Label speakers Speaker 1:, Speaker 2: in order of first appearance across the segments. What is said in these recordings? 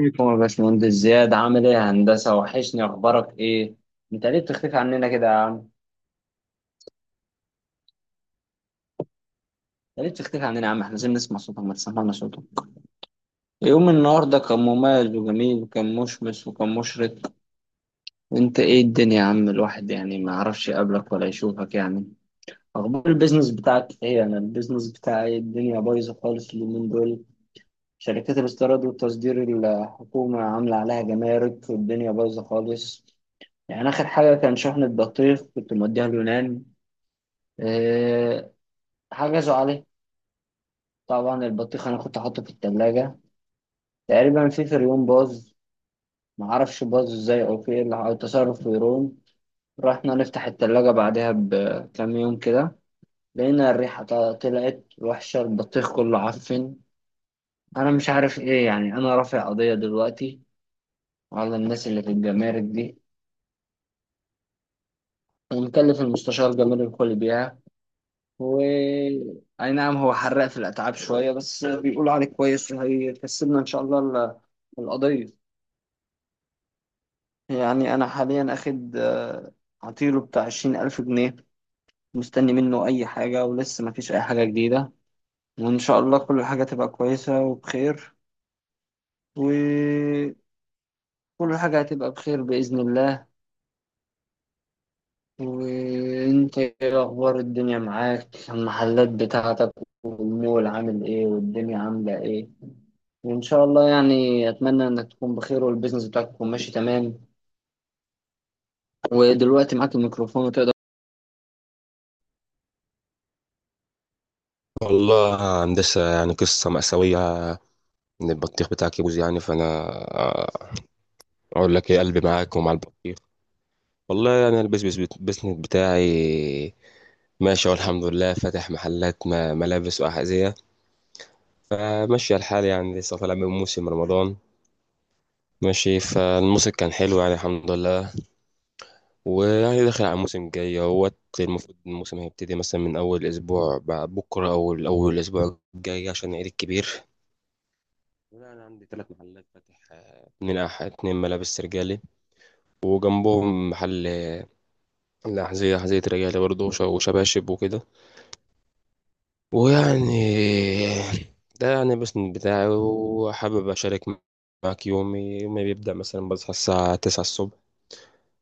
Speaker 1: عليكم يا باشمهندس زياد، عامل ايه يا هندسة؟ وحشني، اخبارك ايه؟ انت ليه بتختفي عننا كده يا عم؟ انت ليه بتختفي عننا يا عم؟ احنا عايزين نسمع صوتك، ما تسمعنا صوتك. يوم النهارده كان مميز وجميل وكان مشمس وكان مشرق. انت ايه الدنيا يا عم، الواحد يعني ما يعرفش يقابلك ولا يشوفك يعني. اخبار البيزنس بتاعك ايه؟ انا البيزنس بتاعي الدنيا بايظة خالص اليومين دول. شركات الاستيراد والتصدير الحكومة عاملة عليها جمارك والدنيا بايظة خالص. يعني آخر حاجة كان شحن البطيخ، كنت موديها اليونان. أه حجزوا عليه. طبعا البطيخ أنا كنت حاطه في التلاجة، تقريبا في فريون باظ. معرفش باظ ازاي أو في إيه اللي أو تصرف فريون. رحنا نفتح التلاجة بعدها بكام يوم كده، لقينا الريحة طلعت وحشة، البطيخ كله عفن. أنا مش عارف إيه يعني. أنا رافع قضية دلوقتي على الناس اللي في الجمارك دي، ومكلف المستشار جمال الكليبيعة. و اي نعم، هو حرق في الاتعاب شويه، بس بيقولوا عليه كويس وهيكسبنا ان شاء الله القضيه. يعني انا حاليا اخد عطيله بتاع 20000 جنيه، مستني منه اي حاجه ولسه ما فيش اي حاجه جديده. وان شاء الله كل حاجه تبقى كويسه وبخير، وكل حاجه هتبقى بخير باذن الله. وانت ايه اخبار الدنيا معاك؟ المحلات بتاعتك والمول عامل ايه، والدنيا عامله ايه؟ إن شاء الله يعني أتمنى إنك تكون بخير والبيزنس بتاعك يكون ماشي تمام. ودلوقتي معاك الميكروفون وتقدر.
Speaker 2: والله هندسة، يعني قصة مأساوية إن البطيخ بتاعك يبوظ. يعني فأنا آه، أقول لك إيه، قلبي معاك ومع البطيخ. والله أنا البيزنس البيزنس بتاعي ماشي والحمد لله. فاتح محلات ملابس وأحذية. فماشي الحال يعني لسه طالع من موسم رمضان ماشي، فالموسم كان حلو يعني الحمد لله. ويعني داخل على الموسم الجاي اهوت، المفروض الموسم هيبتدي مثلا من أول أسبوع بعد بكرة أو أول أسبوع الجاي عشان العيد الكبير. لا، انا عندي ثلاث محلات فاتح، اتنين اتنين ملابس رجالي، وجنبهم محل الأحذية، أحذية رجالي برضه وش- وشباشب وكده. ويعني ده يعني بس بتاعي، وحابب أشارك معاك. يومي يومي بيبدأ مثلا بصحى الساعة 9 الصبح،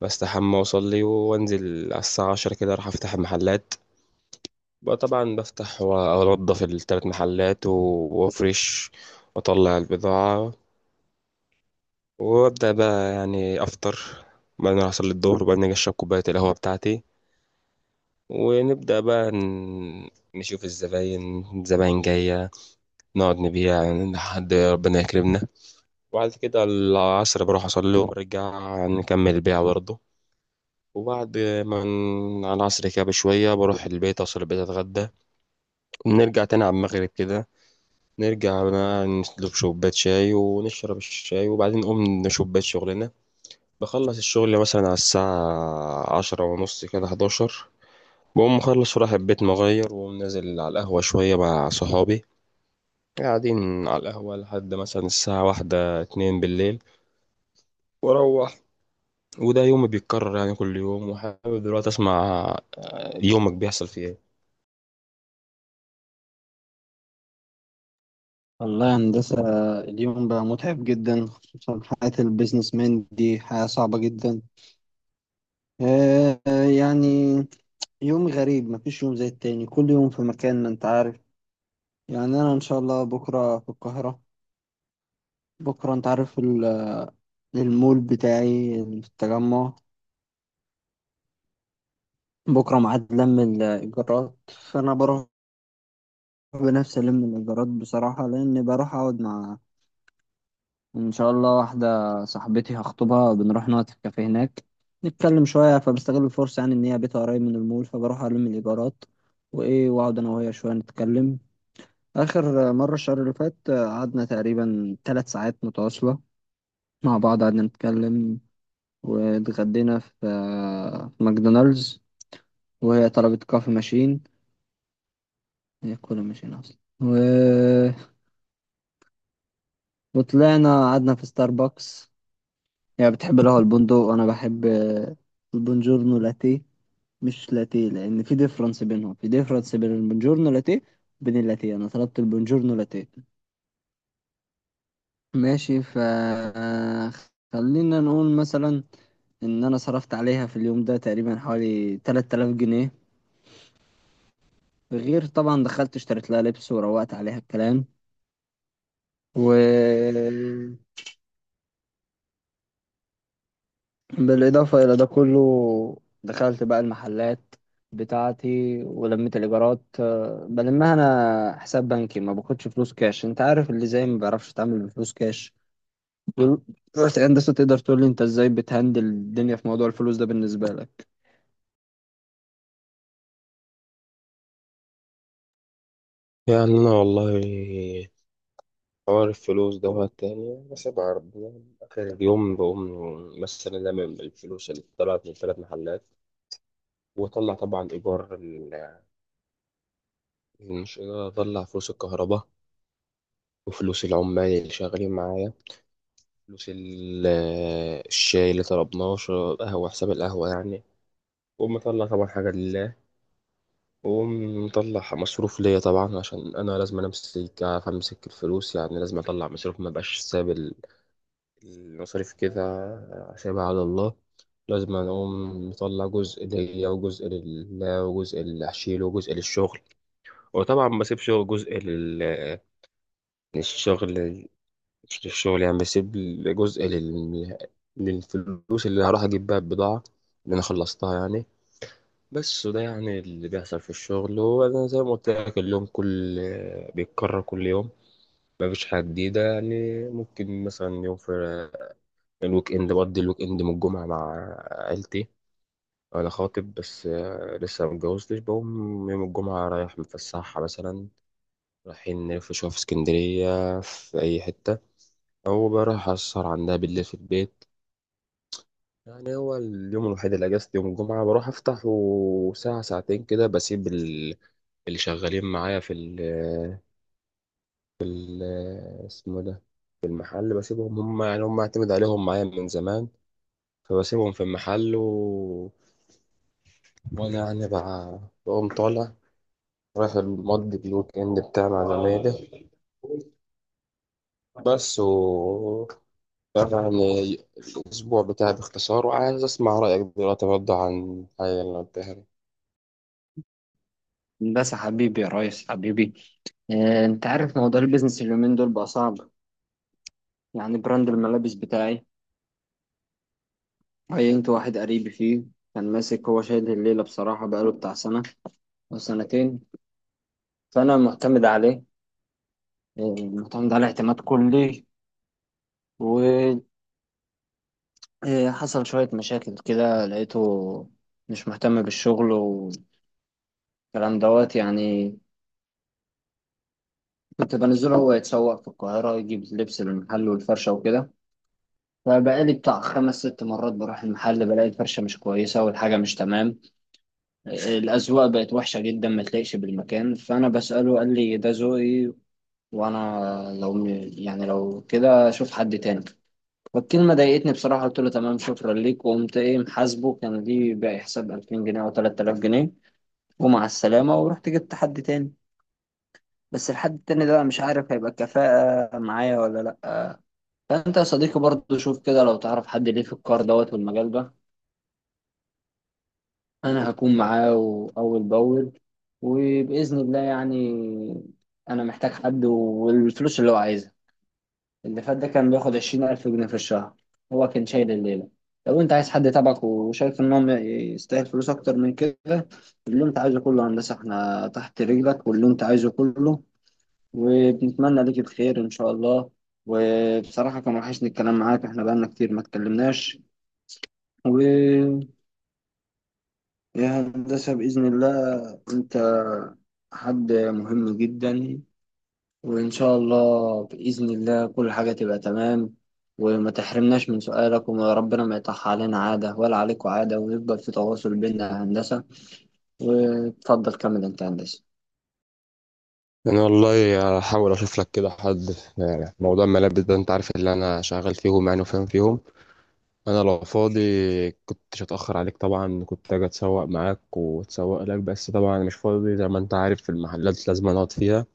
Speaker 2: بستحمى وأصلي وأنزل على الساعة 10 كده أروح أفتح المحلات. بقى طبعا بفتح وأنضف التلات محلات و وأفرش وأطلع البضاعة. وابدا بقى يعني افطر، بعدين احصل للظهر، وبعدين اجي اشرب كوبايه القهوه بتاعتي. ونبدا بقى نشوف الزباين الزباين جايه، نقعد نبيع لحد ربنا يكرمنا. وبعد كده العصر بروح اصلي وبرجع نكمل البيع برضه. وبعد ما على العصر كده بشويه بروح البيت، اوصل البيت اتغدى، ونرجع تاني على المغرب كده. نرجع بقى نشرب كوبايه شاي ونشرب الشاي، وبعدين نقوم نشوف بيت شغلنا. بخلص الشغل مثلا على الساعة 10:30 كده 11، بقوم مخلص ورايح البيت، مغير ونازل على القهوة شوية مع صحابي. قاعدين على القهوة لحد مثلا الساعة 1 2 بالليل، وأروح. وده يومي بيتكرر يعني كل يوم. وحابب دلوقتي أسمع يومك بيحصل فيه إيه؟
Speaker 1: والله يا هندسة، اليوم بقى متعب جدا، خصوصا حياة البيزنس مان دي حياة صعبة جدا. آه يعني يوم غريب، مفيش يوم زي التاني، كل يوم في مكان، ما انت عارف. يعني أنا إن شاء الله بكرة في القاهرة. بكرة انت عارف المول بتاعي اللي في التجمع، بكرة ميعاد لم الإيجارات، فأنا بروح بنفسي ألم الإيجارات بصراحة، لأن بروح أقعد مع إن شاء الله واحدة صاحبتي هخطبها. بنروح نقعد في الكافيه هناك، نتكلم شوية. فبستغل الفرصة يعني إن هي بيتها قريب من المول، فبروح ألم الإيجارات وإيه، وأقعد أنا وهي شوية نتكلم. آخر مرة الشهر اللي فات قعدنا تقريبا ثلاث ساعات متواصلة مع بعض، قعدنا نتكلم، واتغدينا في ماكدونالدز. وهي طلبت كوفي ماشين، هي كولا ماشين أصلا. وطلعنا قعدنا في ستاربكس. يعني بتحب القهوة البندق، وأنا بحب البونجورنو لاتيه. مش لاتيه، لأن في ديفرنس بينهم، في ديفرنس بين البونجورنو لاتيه وبين اللاتيه. أنا طلبت البونجورنو لاتيه، ماشي. ف آه، خلينا نقول مثلا إن أنا صرفت عليها في اليوم ده تقريبا حوالي 3000 جنيه، غير طبعا دخلت اشتريت لها لبس وروقت عليها الكلام. و بالإضافة إلى ده كله، دخلت بقى المحلات بتاعتي ولميت الإيجارات. بلمها أنا حساب بنكي، ما باخدش فلوس كاش، أنت عارف اللي زي ما بيعرفش يتعامل بفلوس كاش دول- رحت. هندسة، تقدر تقول لي أنت إزاي بتهندل الدنيا في موضوع الفلوس ده بالنسبة لك؟
Speaker 2: يعني أنا والله حوار الفلوس دوت تاني بسيبها ربنا. آخر اليوم بقوم مثلا لمم الفلوس اللي طلعت من ثلاث محلات، وأطلع طبعا إيجار، المشكلة أضيع فلوس الكهرباء وفلوس العمال اللي شغالين معايا، فلوس الشاي اللي طلبناه، شرب قهوة، حساب القهوة يعني. وأقوم مطلع طبعا حاجة لله، وأقوم مطلع مصروف ليا طبعا عشان أنا لازم أمسك، أعرف أمسك الفلوس يعني. لازم أطلع مصروف، مبقاش ساب المصاريف كده سايبها على الله. لازم أقوم مطلع جزء ليا وجزء لله وجزء اللي هشيله وجزء للشغل. وطبعا ما بسيبش جزء للشغل، مش للشغل يعني، بسيب جزء للفلوس اللي هروح اجيب بيها البضاعة اللي انا خلصتها يعني. بس، وده يعني اللي بيحصل في الشغل. وانا زي ما قلت لك، اليوم كل بيتكرر كل يوم، ما فيش حاجة جديدة يعني. ممكن مثلا يوم في الويك اند بقضي الويك اند من الجمعة مع عيلتي، انا خاطب بس لسه ما اتجوزتش. بقوم يوم الجمعة رايح متفسحها مثلا، رايحين نلف شوية في اسكندرية في أي حتة، أو بروح أسهر عندها بالليل في البيت. يعني هو اليوم الوحيد اللي اجازتي يوم الجمعه، بروح افتح وساعه ساعتين كده بسيب اللي شغالين معايا في ال اسمه ده، في المحل بسيبهم هم، يعني هم اعتمد عليهم معايا من زمان. فبسيبهم في المحل وانا يعني بقى بقوم طالع رايح المضي الويك اند بتاعي مع زمايلي. بس، و، يعني، الاسبوع بتاعي باختصار، وعايز اسمع رايك دلوقتي برضه عن الحاجه اللي قلتها.
Speaker 1: بس حبيبي يا ريس، حبيبي انت عارف موضوع البيزنس اليومين دول بقى صعب. يعني براند الملابس بتاعي، عينت واحد قريبي فيه، كان ماسك هو شايل الليلة بصراحة، بقاله بتاع سنة أو سنتين. فأنا معتمد عليه، المعتمد على اعتماد كلي. وحصل شوية مشاكل كده، لقيته مش مهتم بالشغل والكلام دوت يعني. كنت بنزله هو يتسوق في القاهرة، يجيب لبس للمحل والفرشة وكده. فبقالي بتاع خمس ست مرات بروح المحل، بلاقي الفرشة مش كويسة والحاجة مش تمام، الأذواق بقت وحشة جدا، ما تلاقيش بالمكان. فأنا بسأله، قال لي ده ذوقي، وأنا لو يعني لو كده أشوف حد تاني. فالكلمة ضايقتني بصراحة، قلت له تمام شكرا ليك، وقمت ايه محاسبه، كان ليه باقي حساب 2000 جنيه او 3000 جنيه، ومع السلامة. ورحت جبت حد تاني، بس الحد التاني ده أنا مش عارف هيبقى كفاءة معايا ولا لأ. فأنت يا صديقي برضه شوف كده، لو تعرف حد ليه في الكار دوت والمجال ده، أنا هكون معاه أول بأول، وبإذن الله يعني. أنا محتاج حد، والفلوس اللي هو عايزها، اللي فات ده كان بياخد 20000 جنيه في الشهر، هو كان شايل الليلة. لو أنت عايز حد تبعك وشايف إن هو يستاهل فلوس أكتر من كده، اللي أنت عايزه كله يا هندسة، إحنا تحت رجلك، واللي أنت عايزه كله. وبنتمنى ليك الخير إن شاء الله. وبصراحة كان وحشني الكلام معاك، إحنا بقالنا كتير ما اتكلمناش. ويا هندسة بإذن الله أنت حد مهم جدا، وإن شاء الله بإذن الله كل حاجة تبقى تمام. وما تحرمناش من سؤالك، وربنا ما يطح علينا عادة ولا عليكوا عادة، ويفضل في تواصل بيننا يا هندسة. وتفضل كمل أنت يا هندسة.
Speaker 2: انا والله هحاول اشوف لك كده حد، يعني موضوع الملابس ده انت عارف اللي انا شغال فيهم يعني وفاهم فيهم. انا لو فاضي كنتش اتاخر عليك طبعا، كنت اجي اتسوق معاك واتسوق لك، بس طبعا انا مش فاضي زي ما انت عارف، في المحلات لازم اقعد فيها.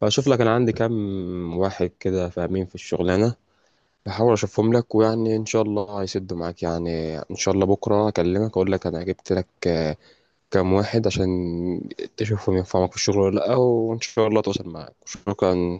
Speaker 2: فاشوف لك، انا عندي كام واحد كده فاهمين في الشغلانه، بحاول اشوفهم لك ويعني ان شاء الله هيسدوا معاك يعني. ان شاء الله بكره اكلمك اقول لك انا جبت لك كام واحد عشان تشوفهم ينفعوك في الشغل ولا لا، وان شاء الله توصل معاك. شكرا.